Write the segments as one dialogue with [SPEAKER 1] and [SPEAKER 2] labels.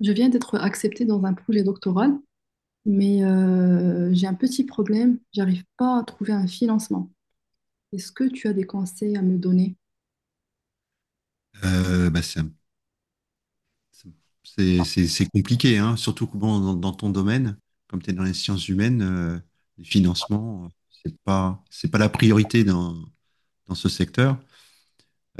[SPEAKER 1] Je viens d'être acceptée dans un projet doctoral, mais j'ai un petit problème. J'arrive pas à trouver un financement. Est-ce que tu as des conseils à me donner?
[SPEAKER 2] Bah, c'est c'est compliqué, hein, surtout que, bon, dans ton domaine, comme tu es dans les sciences humaines, les financements, c'est pas la priorité dans ce secteur.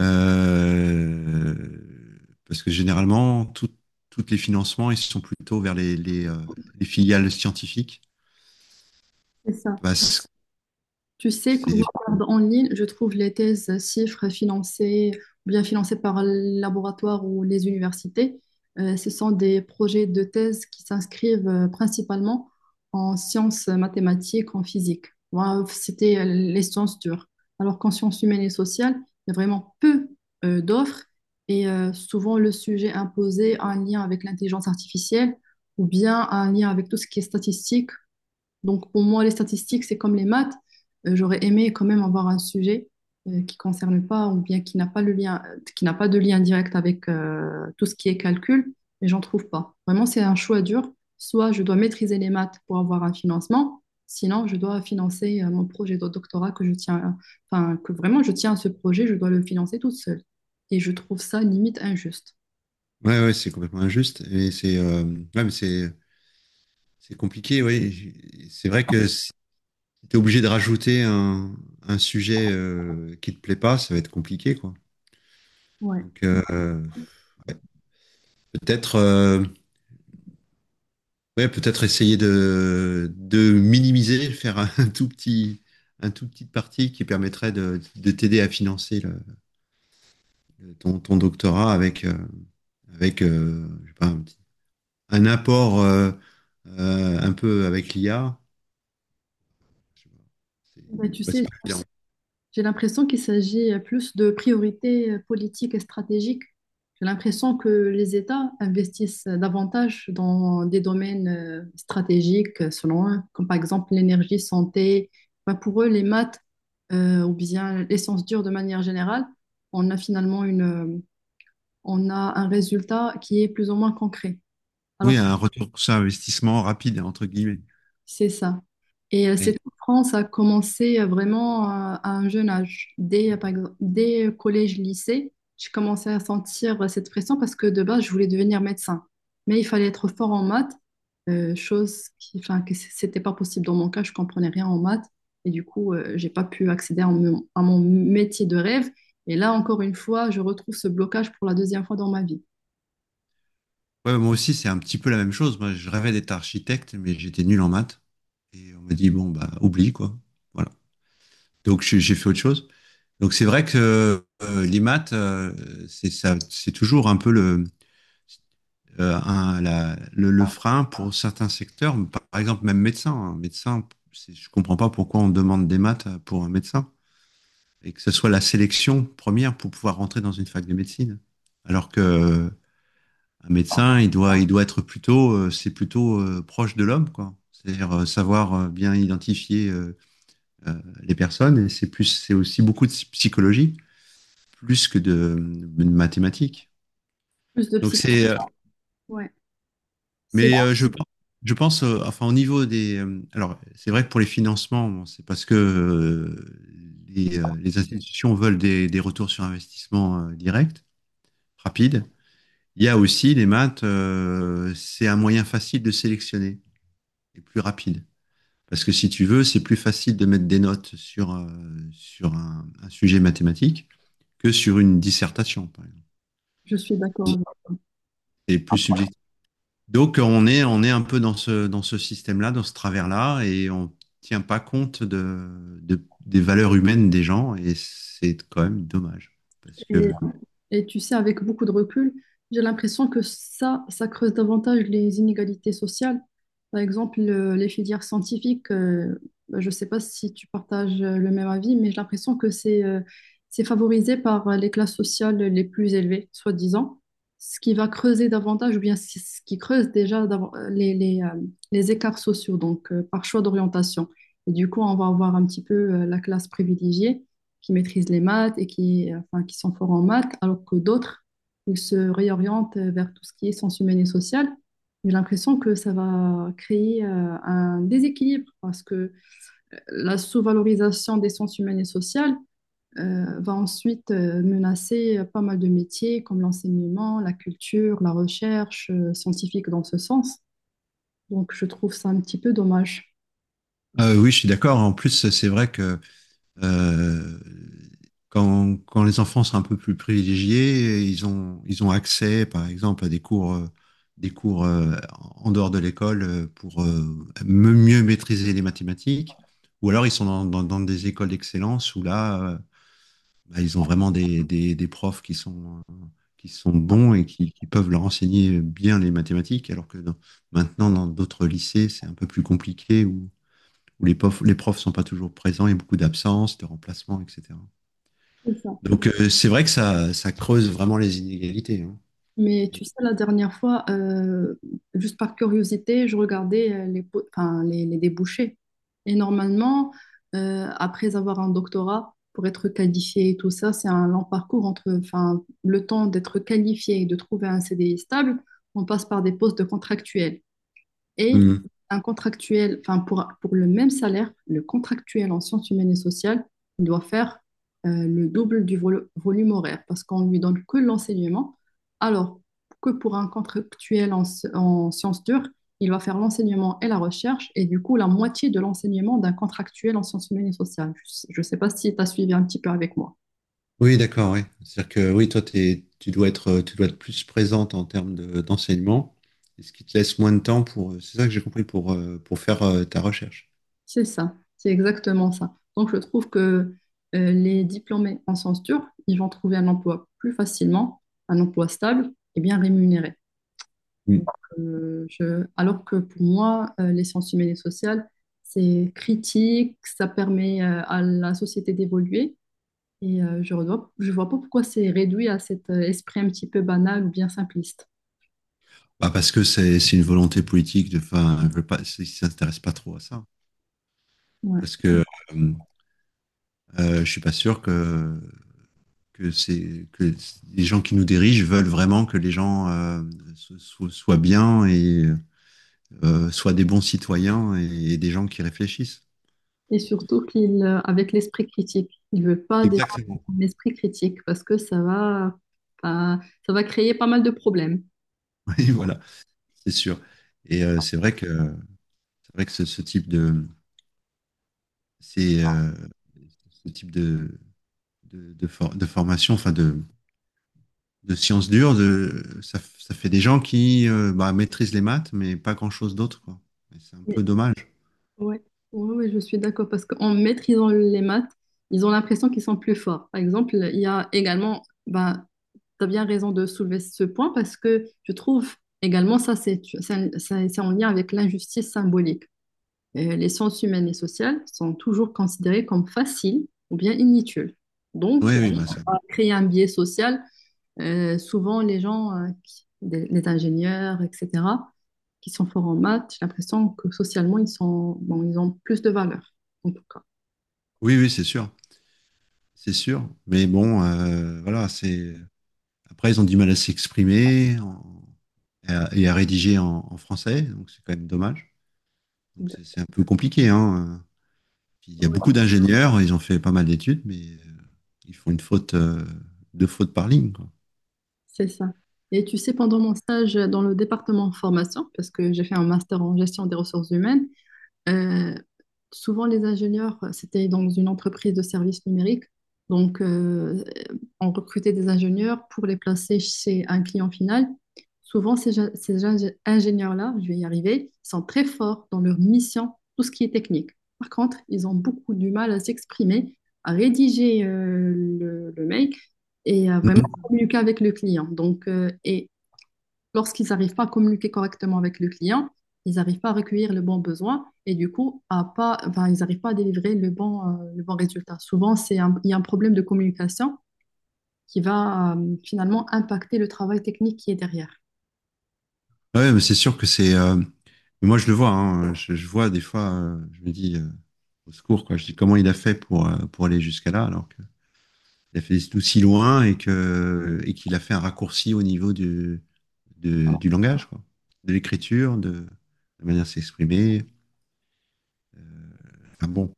[SPEAKER 2] Euh, parce que généralement, tous les financements, ils sont plutôt vers les filiales scientifiques.
[SPEAKER 1] C'est ça.
[SPEAKER 2] Parce que
[SPEAKER 1] Tu sais, quand je
[SPEAKER 2] c'est
[SPEAKER 1] regarde en ligne, je trouve les thèses chiffres financées, ou bien financées par le laboratoire ou les universités. Ce sont des projets de thèse qui s'inscrivent principalement en sciences mathématiques, en physique. Moi, c'était les sciences dures. Alors qu'en sciences humaines et sociales, il y a vraiment peu d'offres et souvent le sujet imposé a un lien avec l'intelligence artificielle ou bien un lien avec tout ce qui est statistique, donc pour moi, les statistiques, c'est comme les maths. J'aurais aimé quand même avoir un sujet qui concerne pas ou bien qui n'a pas le lien, qui n'a pas de lien direct avec tout ce qui est calcul, mais j'en trouve pas. Vraiment, c'est un choix dur. Soit je dois maîtriser les maths pour avoir un financement, sinon je dois financer mon projet de doctorat que je tiens, enfin que vraiment je tiens à ce projet, je dois le financer toute seule. Et je trouve ça limite injuste.
[SPEAKER 2] Ouais, ouais, c'est complètement injuste. Et c'est Ouais, mais c'est compliqué, oui. C'est vrai que t'es obligé de rajouter un sujet, qui te plaît pas, ça va être compliqué, quoi.
[SPEAKER 1] Ouais.
[SPEAKER 2] Donc, peut-être, ouais, peut-être essayer de minimiser, faire un tout petite partie qui permettrait de t'aider à financer ton doctorat avec je sais pas, un apport, un peu avec l'IA.
[SPEAKER 1] Bah, tu
[SPEAKER 2] Ouais, c'est
[SPEAKER 1] sais,
[SPEAKER 2] pas évident.
[SPEAKER 1] j'ai l'impression qu'il s'agit plus de priorités politiques et stratégiques. J'ai l'impression que les États investissent davantage dans des domaines stratégiques, selon eux, comme par exemple l'énergie, santé. Enfin, pour eux, les maths ou bien les sciences dures de manière générale, on a finalement on a un résultat qui est plus ou moins concret.
[SPEAKER 2] Oui,
[SPEAKER 1] Alors
[SPEAKER 2] un retour sur investissement rapide, entre guillemets.
[SPEAKER 1] c'est ça. Et
[SPEAKER 2] Et,
[SPEAKER 1] cette souffrance a commencé vraiment à un jeune âge. Dès, par exemple, dès collège, lycée, j'ai commencé à sentir cette pression parce que de base, je voulais devenir médecin. Mais il fallait être fort en maths, chose qui, enfin, c'était pas possible dans mon cas, je comprenais rien en maths. Et du coup, j'ai pas pu accéder à mon métier de rêve. Et là, encore une fois, je retrouve ce blocage pour la deuxième fois dans ma vie.
[SPEAKER 2] Ouais, moi aussi, c'est un petit peu la même chose. Moi, je rêvais d'être architecte, mais j'étais nul en maths. Et on m'a dit, bon, bah, oublie, quoi. Voilà. Donc, j'ai fait autre chose. Donc, c'est vrai que les maths, c'est ça, c'est toujours un peu le, un- la- le frein pour certains secteurs. Par exemple, même médecin. Un médecin, je comprends pas pourquoi on demande des maths pour un médecin. Et que ce soit la sélection première pour pouvoir rentrer dans une fac de médecine. Alors que Un médecin, il doit être plutôt, c'est plutôt, proche de l'homme, quoi. C'est-à-dire, savoir, bien identifier, euh, les personnes. C'est aussi beaucoup de psychologie, plus que de mathématiques.
[SPEAKER 1] Plus de
[SPEAKER 2] Donc
[SPEAKER 1] psycho.
[SPEAKER 2] c'est,
[SPEAKER 1] Ouais, c'est, bon,
[SPEAKER 2] mais je pense, enfin au niveau des, alors c'est vrai que pour les financements, bon, c'est parce que les institutions veulent des retours sur investissement, direct, rapide. Il y a aussi les maths, c'est un moyen facile de sélectionner et plus rapide. Parce que si tu veux, c'est plus facile de mettre des notes sur un sujet mathématique que sur une dissertation, par exemple.
[SPEAKER 1] je suis d'accord avec
[SPEAKER 2] C'est plus subjectif. Donc on est un peu dans ce système-là, dans ce travers-là, et on ne tient pas compte des valeurs humaines des gens, et c'est quand même dommage. Parce que,
[SPEAKER 1] toi. Et tu sais, avec beaucoup de recul, j'ai l'impression que ça creuse davantage les inégalités sociales. Par exemple, les filières scientifiques, bah, je ne sais pas si tu partages le même avis, mais j'ai l'impression que c'est favorisé par les classes sociales les plus élevées, soi-disant, ce qui va creuser davantage, ou bien ce qui creuse déjà les écarts sociaux, donc par choix d'orientation. Et du coup, on va avoir un petit peu la classe privilégiée qui maîtrisent les maths et qui, enfin, qui sont forts en maths, alors que d'autres, ils se réorientent vers tout ce qui est sens humain et social. J'ai l'impression que ça va créer un déséquilibre parce que la sous-valorisation des sciences humaines et sociales va ensuite menacer pas mal de métiers comme l'enseignement, la culture, la recherche scientifique dans ce sens. Donc je trouve ça un petit peu dommage.
[SPEAKER 2] oui, je suis d'accord. En plus, c'est vrai que Euh, quand les enfants sont un peu plus privilégiés, ils ont accès, par exemple, à des cours en dehors de l'école, pour, mieux maîtriser les mathématiques. Ou alors ils sont dans des écoles d'excellence où là, bah, ils ont vraiment des profs qui sont bons et qui peuvent leur enseigner bien les mathématiques, maintenant, dans d'autres lycées, c'est un peu plus compliqué. Où les profs sont pas toujours présents, il y a beaucoup d'absences, de remplacements, etc.
[SPEAKER 1] C'est ça.
[SPEAKER 2] Donc, c'est vrai que ça creuse vraiment les inégalités, hein.
[SPEAKER 1] Mais
[SPEAKER 2] Et-
[SPEAKER 1] tu sais, la dernière fois, juste par curiosité, je regardais les, po- enfin, les débouchés. Et normalement, après avoir un doctorat, pour être qualifié et tout ça, c'est un long parcours entre, enfin, le temps d'être qualifié et de trouver un CDI stable, on passe par des postes de contractuels. Et
[SPEAKER 2] Hmm.
[SPEAKER 1] un contractuel, enfin pour le même salaire, le contractuel en sciences humaines et sociales, il doit faire le double du volume horaire parce qu'on lui donne que l'enseignement, alors que pour un contractuel en sciences dures, il va faire l'enseignement et la recherche et du coup la moitié de l'enseignement d'un contractuel en sciences humaines et sociales. Je ne sais pas si tu as suivi un petit peu avec moi.
[SPEAKER 2] Oui, d'accord, oui. C'est-à-dire que oui, toi, tu dois être, tu dois être plus présente en termes d'enseignement, et ce qui te laisse moins de temps pour, c'est ça que j'ai compris, pour faire, ta recherche.
[SPEAKER 1] C'est ça, c'est exactement ça. Donc, je trouve que les diplômés en sciences dures, ils vont trouver un emploi plus facilement, un emploi stable et bien rémunéré. Donc,
[SPEAKER 2] Hmm.
[SPEAKER 1] alors que pour moi, les sciences humaines et sociales, c'est critique, ça permet à la société d'évoluer et je vois pas pourquoi c'est réduit à cet esprit un petit peu banal ou bien simpliste.
[SPEAKER 2] Bah, parce que c'est une volonté politique de, enfin, ils veulent pas, ils s'intéressent pas trop à ça.
[SPEAKER 1] Ouais.
[SPEAKER 2] Parce que euh, je suis pas sûr que les gens qui nous dirigent veulent vraiment que les gens, soient bien et, soient des bons citoyens et des gens qui réfléchissent.
[SPEAKER 1] Et surtout avec l'esprit critique, il veut pas des gens qui
[SPEAKER 2] Exactement.
[SPEAKER 1] ont l'esprit critique parce que pas- ça va créer pas mal de problèmes.
[SPEAKER 2] Oui, voilà, c'est sûr. Et c'est vrai que ce c'est euh, type de de formation, enfin de sciences dures, ça fait des gens qui, bah, maîtrisent les maths, mais pas grand-chose d'autre, quoi. Et c'est un
[SPEAKER 1] Mais,
[SPEAKER 2] peu dommage.
[SPEAKER 1] ouais, ouais, je suis d'accord parce qu'en maîtrisant les maths, ils ont l'impression qu'ils sont plus forts. Par exemple, il y a également, bah, tu as bien raison de soulever ce point parce que je trouve également ça, c'est en lien avec l'injustice symbolique. Les sciences humaines et sociales sont toujours considérées comme faciles ou bien inutiles. Donc,
[SPEAKER 2] Oui, oui, bah,
[SPEAKER 1] créer un biais social. Souvent, les ingénieurs, etc., qui sont forts en maths, j'ai l'impression que socialement, ils sont, bon, ils ont plus de valeur, en tout cas.
[SPEAKER 2] oui, oui, c'est sûr. C'est sûr. Mais bon, voilà, c'est. Après, ils ont du mal à s'exprimer et à rédiger en français, donc c'est quand même dommage. Donc c'est un peu compliqué, hein. Puis, il y a beaucoup d'ingénieurs, ils ont fait pas mal d'études, mais ils font une faute, deux fautes par ligne, quoi.
[SPEAKER 1] C'est ça. Et tu sais, pendant mon stage dans le département formation, parce que j'ai fait un master en gestion des ressources humaines, Euh, souvent, c'était dans une entreprise de services numériques. Donc, on recrutait des ingénieurs pour les placer chez un client final. Souvent, ces, ge- ces ingé- ingénieurs-là, je vais y arriver, sont très forts dans leur mission, tout ce qui est technique. Par contre, ils ont beaucoup du mal à s'exprimer, à rédiger le mail et à vraiment
[SPEAKER 2] Mhm.
[SPEAKER 1] communiquer avec le client. Donc, lorsqu'ils n'arrivent pas à communiquer correctement avec le client, ils n'arrivent pas à recueillir le bon besoin et du coup, à pas, enfin, ils n'arrivent pas à délivrer le bon résultat. Souvent, il y a un problème de communication qui va finalement impacter le travail technique qui est derrière.
[SPEAKER 2] Ouais, mais c'est sûr que c'est. Moi, je le vois, hein. Je vois des fois, je me dis, au secours, quoi. Je dis comment il a fait pour aller jusqu'à là, alors que. Il a fait des études aussi loin et qu'il a fait un raccourci au niveau du langage, quoi. De l'écriture, de la manière de s'exprimer. Euh, enfin bon,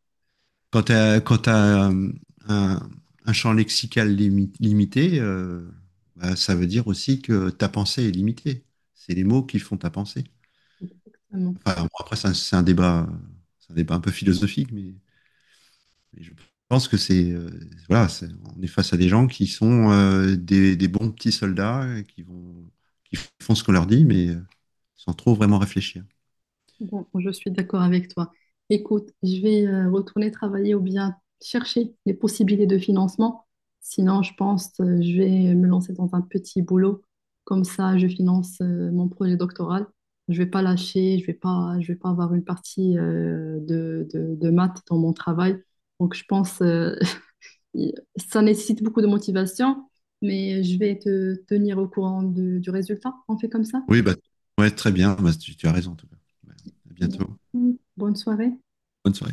[SPEAKER 2] quand t'as, un, un champ lexical limité, bah, ça veut dire aussi que ta pensée est limitée. C'est les mots qui font ta pensée.
[SPEAKER 1] Exactement.
[SPEAKER 2] Enfin, bon, après, c'est un débat un peu philosophique, mais. Et je pense que voilà, c'est- on est face à des gens qui sont, des bons petits soldats, qui font ce qu'on leur dit, mais sans trop vraiment réfléchir.
[SPEAKER 1] Bon, je suis d'accord avec toi. Écoute, je vais retourner travailler ou bien chercher les possibilités de financement. Sinon, je pense je vais me lancer dans un petit boulot. Comme ça, je finance mon projet doctoral. Je vais pas lâcher, je vais pas avoir une partie de maths dans mon travail. Donc, je pense ça nécessite beaucoup de motivation, mais je vais te tenir au courant du résultat. On fait comme ça.
[SPEAKER 2] Oui, bah ouais, très bien. Bah, tu as raison en tout cas. Ouais. À bientôt.
[SPEAKER 1] Bonne soirée.
[SPEAKER 2] Bonne soirée.